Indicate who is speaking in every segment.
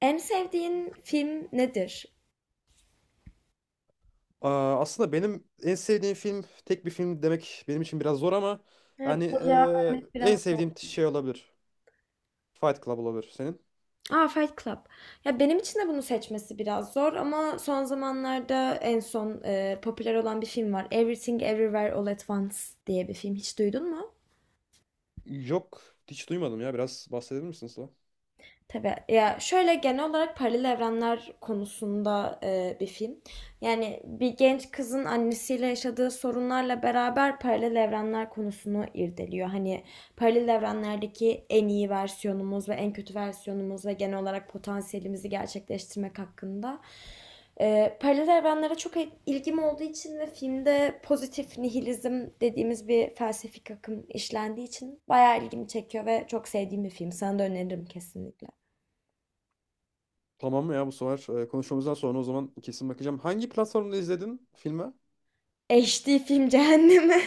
Speaker 1: En sevdiğin film nedir?
Speaker 2: Aa, aslında benim en sevdiğim film tek bir film demek benim için biraz zor ama
Speaker 1: Evet,
Speaker 2: yani
Speaker 1: bu cevap vermek biraz
Speaker 2: en
Speaker 1: zor.
Speaker 2: sevdiğim şey olabilir. Fight Club olabilir senin.
Speaker 1: Aa, Fight Club. Ya benim için de bunu seçmesi biraz zor ama son zamanlarda en son popüler olan bir film var. Everything Everywhere All at Once diye bir film. Hiç duydun mu?
Speaker 2: Yok hiç duymadım ya biraz bahsedebilir misin Sıla?
Speaker 1: Tabii. Ya şöyle genel olarak paralel evrenler konusunda bir film. Yani bir genç kızın annesiyle yaşadığı sorunlarla beraber paralel evrenler konusunu irdeliyor. Hani paralel evrenlerdeki en iyi versiyonumuz ve en kötü versiyonumuz ve genel olarak potansiyelimizi gerçekleştirmek hakkında. Paralel evrenlere çok ilgim olduğu için ve filmde pozitif nihilizm dediğimiz bir felsefik akım işlendiği için bayağı ilgimi çekiyor ve çok sevdiğim bir film. Sana da öneririm kesinlikle.
Speaker 2: Tamam mı ya bu sefer konuşmamızdan sonra o zaman kesin bakacağım. Hangi platformda izledin filmi?
Speaker 1: HD film cehennemi.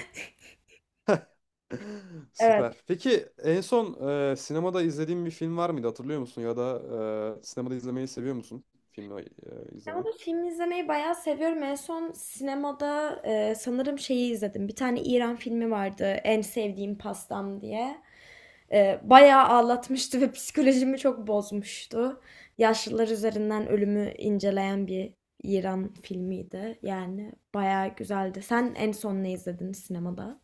Speaker 1: Evet.
Speaker 2: Süper. Peki en son sinemada izlediğin bir film var mıydı hatırlıyor musun? Ya da sinemada izlemeyi seviyor musun? Filmi izlemeyi.
Speaker 1: Sinemada film izlemeyi bayağı seviyorum. En son sinemada sanırım şeyi izledim. Bir tane İran filmi vardı. En sevdiğim pastam diye. Bayağı ağlatmıştı ve psikolojimi çok bozmuştu. Yaşlılar üzerinden ölümü inceleyen bir İran filmiydi. Yani bayağı güzeldi. Sen en son ne izledin sinemada?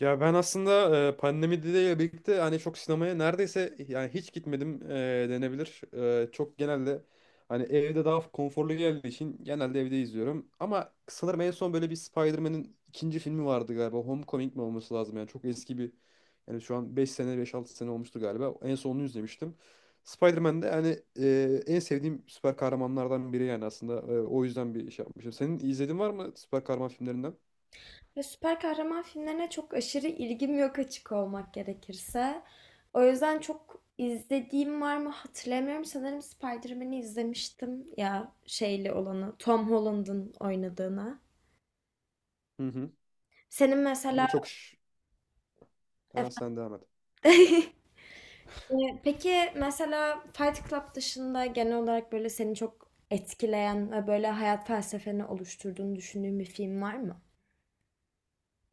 Speaker 2: Ya ben aslında pandemiyle birlikte hani çok sinemaya neredeyse yani hiç gitmedim denebilir. Çok genelde hani evde daha konforlu geldiği için genelde evde izliyorum. Ama sanırım en son böyle bir Spider-Man'in ikinci filmi vardı galiba. Homecoming mi olması lazım yani çok eski bir yani şu an 5 sene beş altı sene olmuştu galiba. En son onu izlemiştim. Spider-Man de hani en sevdiğim süper kahramanlardan biri yani aslında. O yüzden bir şey yapmışım. Senin izlediğin var mı süper kahraman filmlerinden?
Speaker 1: Ya süper kahraman filmlerine çok aşırı ilgim yok açık olmak gerekirse. O yüzden çok izlediğim var mı hatırlamıyorum. Sanırım Spider-Man'i izlemiştim ya şeyli olanı. Tom Holland'ın oynadığını.
Speaker 2: Hı hı.
Speaker 1: Senin mesela
Speaker 2: Ama çok... şş- Ha, sen devam et.
Speaker 1: Peki mesela Fight Club dışında genel olarak böyle seni çok etkileyen ve böyle hayat felsefeni oluşturduğunu düşündüğün bir film var mı?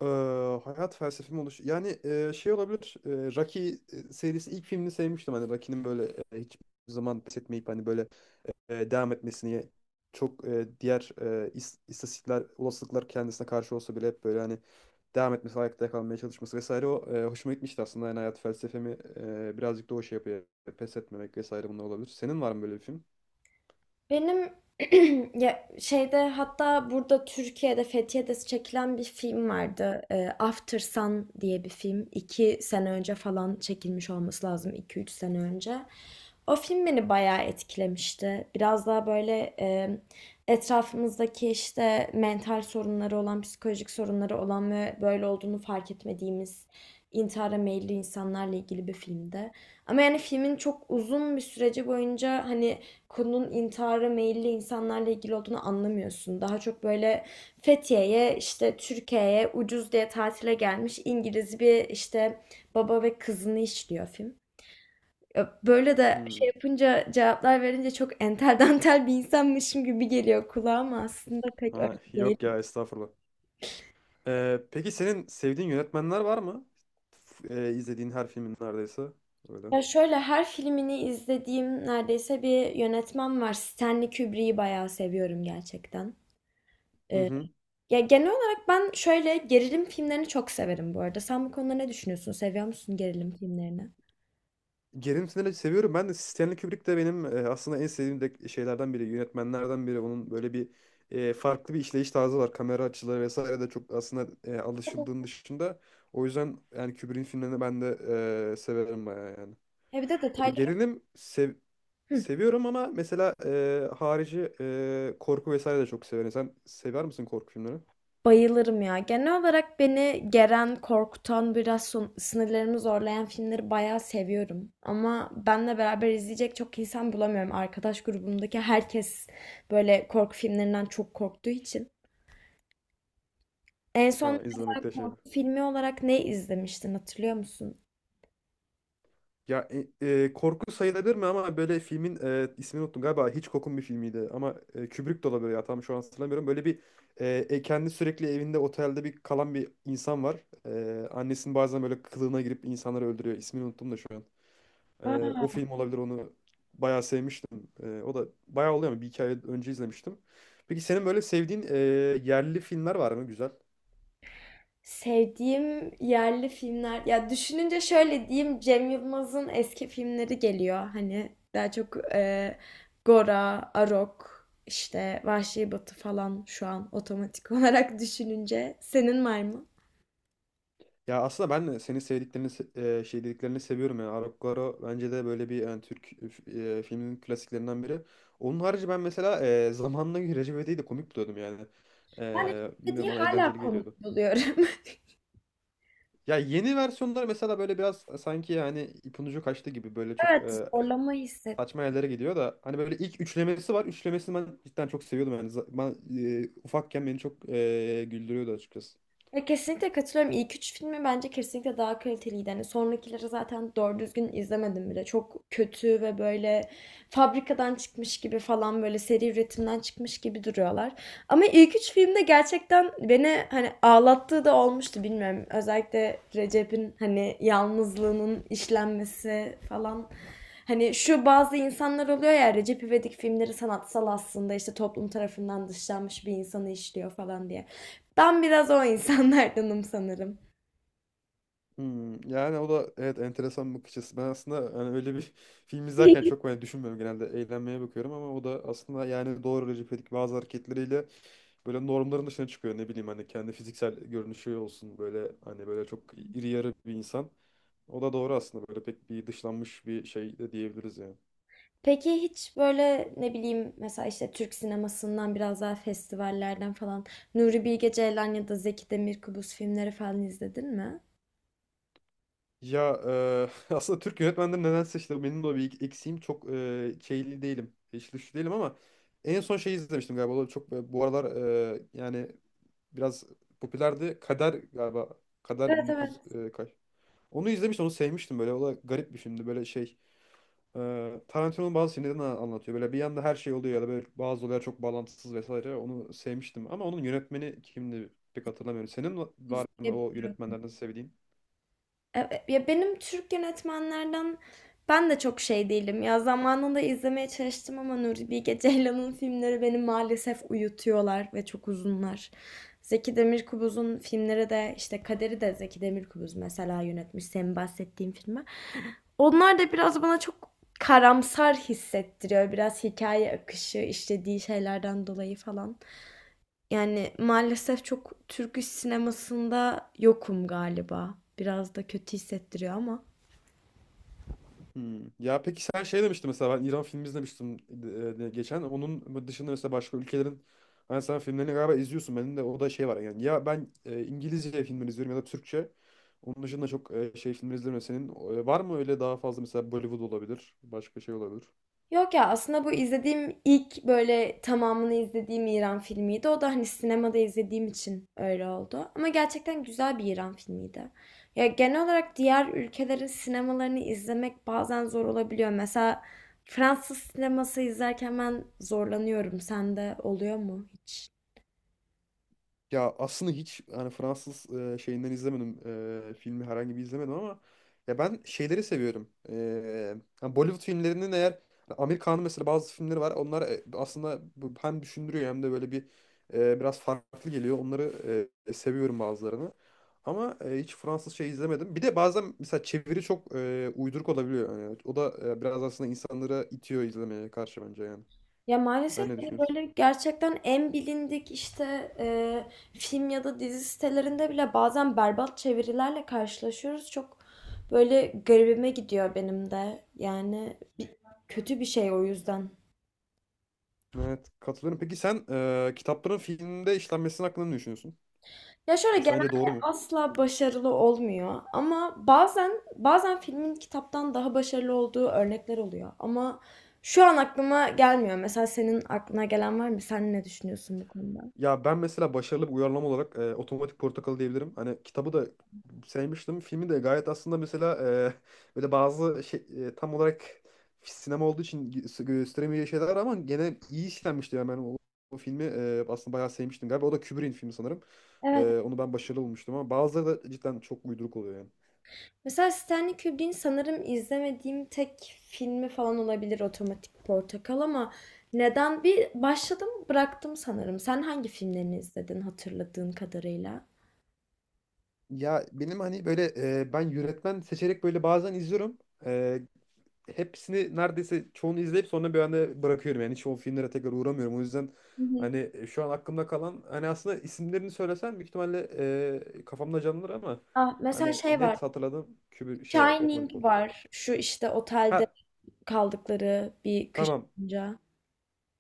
Speaker 2: Eee, hayat felsefem oluş. Yani şey olabilir. Rocky serisi ilk filmini sevmiştim. Hani Rocky'nin böyle hiçbir zaman pes etmeyip hani böyle devam etmesini çok diğer istatistikler, olasılıklar kendisine karşı olsa bile hep böyle hani devam etmesi, ayakta kalmaya çalışması vesaire o hoşuma gitmişti aslında. Yani hayat felsefemi birazcık da o şey yapıyor. Pes etmemek vesaire bunlar olabilir. Senin var mı böyle bir film?
Speaker 1: Benim ya şeyde hatta burada Türkiye'de Fethiye'de çekilen bir film vardı. After Sun diye bir film. İki sene önce falan çekilmiş olması lazım. İki üç sene önce. O film beni bayağı etkilemişti. Biraz daha böyle etrafımızdaki işte mental sorunları olan, psikolojik sorunları olan ve böyle olduğunu fark etmediğimiz intihara meyilli insanlarla ilgili bir filmdi. Ama yani filmin çok uzun bir süreci boyunca hani konunun intihara meyilli insanlarla ilgili olduğunu anlamıyorsun. Daha çok böyle Fethiye'ye, işte Türkiye'ye ucuz diye tatile gelmiş İngiliz bir işte baba ve kızını işliyor film. Böyle de
Speaker 2: Hmm.
Speaker 1: şey yapınca cevaplar verince çok entel dantel bir insanmışım gibi geliyor kulağıma aslında pek öyle
Speaker 2: Ha,
Speaker 1: değil.
Speaker 2: yok ya estağfurullah. Peki senin sevdiğin yönetmenler var mı? İzlediğin her filmin neredeyse. Öyle.
Speaker 1: Ya şöyle her filmini izlediğim neredeyse bir yönetmen var. Stanley Kubrick'i bayağı seviyorum gerçekten.
Speaker 2: Hı
Speaker 1: Ee,
Speaker 2: hı.
Speaker 1: Ya, genel olarak ben şöyle, gerilim filmlerini çok severim bu arada. Sen bu konuda ne düşünüyorsun? Seviyor musun gerilim filmlerini?
Speaker 2: Gerilim Sinir'i seviyorum. Ben de Stanley Kubrick de benim aslında en sevdiğim de şeylerden biri, yönetmenlerden biri. Onun böyle bir farklı bir işleyiş tarzı var. Kamera açıları vesaire de çok aslında alışıldığın dışında. O yüzden yani Kubrick'in filmlerini ben de severim bayağı yani.
Speaker 1: He, bir de detayları.
Speaker 2: Gerilim
Speaker 1: Hı.
Speaker 2: seviyorum ama mesela harici korku vesaire de çok severim. Sen sever misin korku filmleri?
Speaker 1: Bayılırım ya. Genel olarak beni geren, korkutan, biraz sınırlarımı zorlayan filmleri bayağı seviyorum. Ama benle beraber izleyecek çok insan bulamıyorum. Arkadaş grubumdaki herkes böyle korku filmlerinden çok korktuğu için. En son
Speaker 2: Ha, izlemekte şey.
Speaker 1: korku filmi olarak ne izlemiştin hatırlıyor musun?
Speaker 2: Ya korku sayılabilir mi ama böyle filmin ismini unuttum galiba Hitchcock'un bir filmiydi ama Kubrick de olabilir ya tam şu an hatırlamıyorum. Böyle bir kendi sürekli evinde otelde bir kalan bir insan var. Annesinin bazen böyle kılığına girip insanları öldürüyor. İsmini unuttum da şu an. O film olabilir onu bayağı sevmiştim. O da bayağı oluyor ama bir iki ay önce izlemiştim. Peki senin böyle sevdiğin yerli filmler var mı güzel?
Speaker 1: Sevdiğim yerli filmler ya düşününce şöyle diyeyim, Cem Yılmaz'ın eski filmleri geliyor. Hani daha çok Gora, Arok, işte Vahşi Batı falan şu an otomatik olarak düşününce. Senin var mı?
Speaker 2: Ya aslında ben de senin sevdiklerini şey dediklerini seviyorum yani Arap Garo bence de böyle bir yani Türk filminin klasiklerinden biri. Onun harici ben mesela zamanına göre Recep İvedik'i de komik buluyordum yani.
Speaker 1: Ben Eşit'teki
Speaker 2: Bilmiyorum bana
Speaker 1: hala
Speaker 2: eğlenceli geliyordu.
Speaker 1: komik buluyorum.
Speaker 2: Ya yeni versiyonlar mesela böyle biraz sanki yani ipin ucu kaçtı gibi böyle çok
Speaker 1: Evet, zorlama hisset.
Speaker 2: saçma yerlere gidiyor da hani böyle ilk üçlemesi var. Üçlemesini ben cidden çok seviyordum yani. Ben ufakken beni çok güldürüyordu açıkçası.
Speaker 1: Ya kesinlikle katılıyorum. İlk üç filmi bence kesinlikle daha kaliteliydi. Hani sonrakileri zaten doğru düzgün izlemedim bile. Çok kötü ve böyle fabrikadan çıkmış gibi falan böyle seri üretimden çıkmış gibi duruyorlar. Ama ilk üç filmde gerçekten beni hani ağlattığı da olmuştu, bilmiyorum. Özellikle Recep'in hani yalnızlığının işlenmesi falan. Hani şu bazı insanlar oluyor ya Recep İvedik filmleri sanatsal aslında işte toplum tarafından dışlanmış bir insanı işliyor falan diye. Ben biraz o insanlardanım sanırım.
Speaker 2: Hmm, yani o da evet enteresan bir bakış açısı. Ben aslında hani öyle bir film izlerken çok böyle düşünmüyorum genelde eğlenmeye bakıyorum ama o da aslında yani doğru Recep İvedik bazı hareketleriyle böyle normların dışına çıkıyor ne bileyim hani kendi fiziksel görünüşü olsun böyle hani böyle çok iri yarı bir insan. O da doğru aslında böyle pek bir dışlanmış bir şey de diyebiliriz yani.
Speaker 1: Peki hiç böyle ne bileyim mesela işte Türk sinemasından biraz daha festivallerden falan Nuri Bilge Ceylan ya da Zeki Demirkubuz filmleri falan izledin mi?
Speaker 2: Ya aslında Türk yönetmenleri nedense işte benim de o bir eksiğim çok şeyli değilim. Hiç güçlü değilim ama en son şey izlemiştim galiba. O da çok bu aralar yani biraz popülerdi. Kader galiba. Kader
Speaker 1: Evet
Speaker 2: 1900 kaç. Onu izlemiştim, onu sevmiştim böyle. O da garip bir filmdi. Böyle şey, Tarantino'nun bazı filmlerini anlatıyor. Böyle bir yanda her şey oluyor ya da böyle bazı olaylar çok bağlantısız vesaire. Onu sevmiştim ama onun yönetmeni kimdi pek hatırlamıyorum. Senin var mı
Speaker 1: evet.
Speaker 2: o yönetmenlerden sevdiğin?
Speaker 1: Evet, ya benim Türk yönetmenlerden ben de çok şey değilim. Ya zamanında izlemeye çalıştım ama Nuri Bilge Ceylan'ın filmleri beni maalesef uyutuyorlar ve çok uzunlar. Zeki Demirkubuz'un filmleri de işte Kader'i de Zeki Demirkubuz mesela yönetmiş senin bahsettiğin filmi. Onlar da biraz bana çok karamsar hissettiriyor. Biraz hikaye akışı, işlediği şeylerden dolayı falan. Yani maalesef çok Türk iş sinemasında yokum galiba. Biraz da kötü hissettiriyor ama.
Speaker 2: Hmm. Ya peki sen şey demiştin mesela ben İran filmi izlemiştim geçen. Onun dışında mesela başka ülkelerin hani sen filmlerini galiba izliyorsun. Benim de o da şey var yani. Ya ben İngilizce filmleri izliyorum ya da Türkçe. Onun dışında çok şey filmleri izlemiyorum. Senin var mı öyle daha fazla mesela Bollywood olabilir. Başka şey olabilir.
Speaker 1: Yok ya aslında bu izlediğim ilk böyle tamamını izlediğim İran filmiydi. O da hani sinemada izlediğim için öyle oldu. Ama gerçekten güzel bir İran filmiydi. Ya genel olarak diğer ülkelerin sinemalarını izlemek bazen zor olabiliyor. Mesela Fransız sineması izlerken ben zorlanıyorum. Sende oluyor mu hiç?
Speaker 2: Ya aslında hiç hani Fransız şeyinden izlemedim. Filmi herhangi bir izlemedim ama ya ben şeyleri seviyorum. Yani Bollywood filmlerinin eğer Amerikan'ın mesela bazı filmleri var. Onlar aslında hem düşündürüyor hem de böyle bir biraz farklı geliyor. Onları seviyorum bazılarını. Ama hiç Fransız şey izlemedim. Bir de bazen mesela çeviri çok uyduruk olabiliyor. Yani o da biraz aslında insanları itiyor izlemeye karşı bence yani.
Speaker 1: Ya
Speaker 2: Sen
Speaker 1: maalesef
Speaker 2: ne
Speaker 1: hani
Speaker 2: düşünüyorsun?
Speaker 1: böyle gerçekten en bilindik işte film ya da dizi sitelerinde bile bazen berbat çevirilerle karşılaşıyoruz. Çok böyle garibime gidiyor benim de. Yani kötü bir şey o yüzden.
Speaker 2: Evet, katılıyorum. Peki sen kitapların filmde işlenmesinin hakkında ne düşünüyorsun?
Speaker 1: Ya şöyle
Speaker 2: Sence doğru
Speaker 1: genelde
Speaker 2: mu?
Speaker 1: asla başarılı olmuyor ama bazen filmin kitaptan daha başarılı olduğu örnekler oluyor. Ama şu an aklıma gelmiyor. Mesela senin aklına gelen var mı? Sen ne düşünüyorsun bu konuda?
Speaker 2: Ya ben mesela başarılı bir uyarlama olarak Otomatik Portakal diyebilirim. Hani kitabı da sevmiştim. Filmi de gayet aslında mesela böyle bazı şey tam olarak sinema olduğu için gösteremeyeceği şeyler var ama gene iyi işlenmişti. Yani ben o filmi aslında bayağı sevmiştim galiba. O da Kubrick'in filmi sanırım.
Speaker 1: Evet.
Speaker 2: Onu ben başarılı bulmuştum ama bazıları da cidden çok uyduruk oluyor yani.
Speaker 1: Mesela Stanley Kubrick'in sanırım izlemediğim tek filmi falan olabilir Otomatik Portakal ama neden bir başladım bıraktım sanırım. Sen hangi filmlerini izledin hatırladığın kadarıyla?
Speaker 2: Ya benim hani böyle ben yönetmen seçerek böyle bazen izliyorum. E, Hepsini neredeyse çoğunu izleyip sonra bir anda bırakıyorum. Yani hiç o filmlere tekrar uğramıyorum. O yüzden
Speaker 1: Hı hı.
Speaker 2: hani şu an aklımda kalan hani aslında isimlerini söylesem büyük ihtimalle kafamda canlanır ama
Speaker 1: Ah, mesela
Speaker 2: hani
Speaker 1: şey var.
Speaker 2: net hatırladığım kübür şey var. Otomatik
Speaker 1: Shining
Speaker 2: Portakal.
Speaker 1: var. Şu işte otelde
Speaker 2: Ha
Speaker 1: kaldıkları bir kış
Speaker 2: tamam.
Speaker 1: boyunca.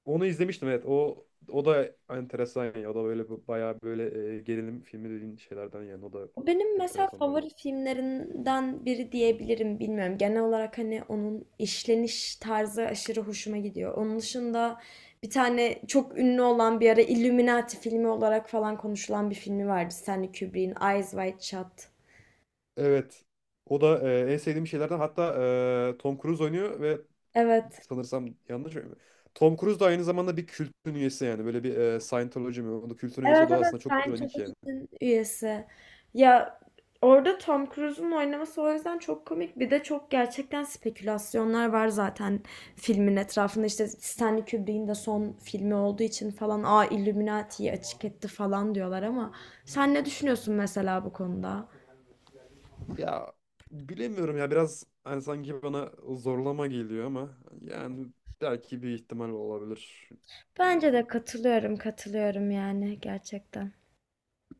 Speaker 2: Onu izlemiştim evet. O da enteresan ya. O da böyle bayağı böyle gerilim filmi dediğin şeylerden yani. O da
Speaker 1: O benim mesela
Speaker 2: enteresan.
Speaker 1: favori filmlerinden biri diyebilirim, bilmiyorum. Genel olarak hani onun işleniş tarzı aşırı hoşuma gidiyor. Onun dışında bir tane çok ünlü olan bir ara Illuminati filmi olarak falan konuşulan bir filmi vardı. Stanley Kubrick'in Eyes Wide Shut.
Speaker 2: Evet. O da en sevdiğim şeylerden. Hatta Tom Cruise oynuyor ve
Speaker 1: Evet.
Speaker 2: sanırsam yanlış mı? Tom Cruise da aynı zamanda bir kültün üyesi yani. Böyle bir Scientology mi? O da kültün üyesi.
Speaker 1: Evet
Speaker 2: O da
Speaker 1: evet
Speaker 2: aslında çok
Speaker 1: ben
Speaker 2: ironik yani.
Speaker 1: Topik'in üyesi. Ya orada Tom Cruise'un oynaması o yüzden çok komik. Bir de çok gerçekten spekülasyonlar var zaten filmin etrafında. İşte Stanley Kubrick'in de son filmi olduğu için falan aa Illuminati'yi açık etti falan diyorlar ama sen ne düşünüyorsun mesela bu konuda?
Speaker 2: Ya bilemiyorum ya. Biraz hani sanki bana zorlama geliyor ama yani belki bir ihtimal olabilir. Yani.
Speaker 1: Bence de katılıyorum katılıyorum yani gerçekten.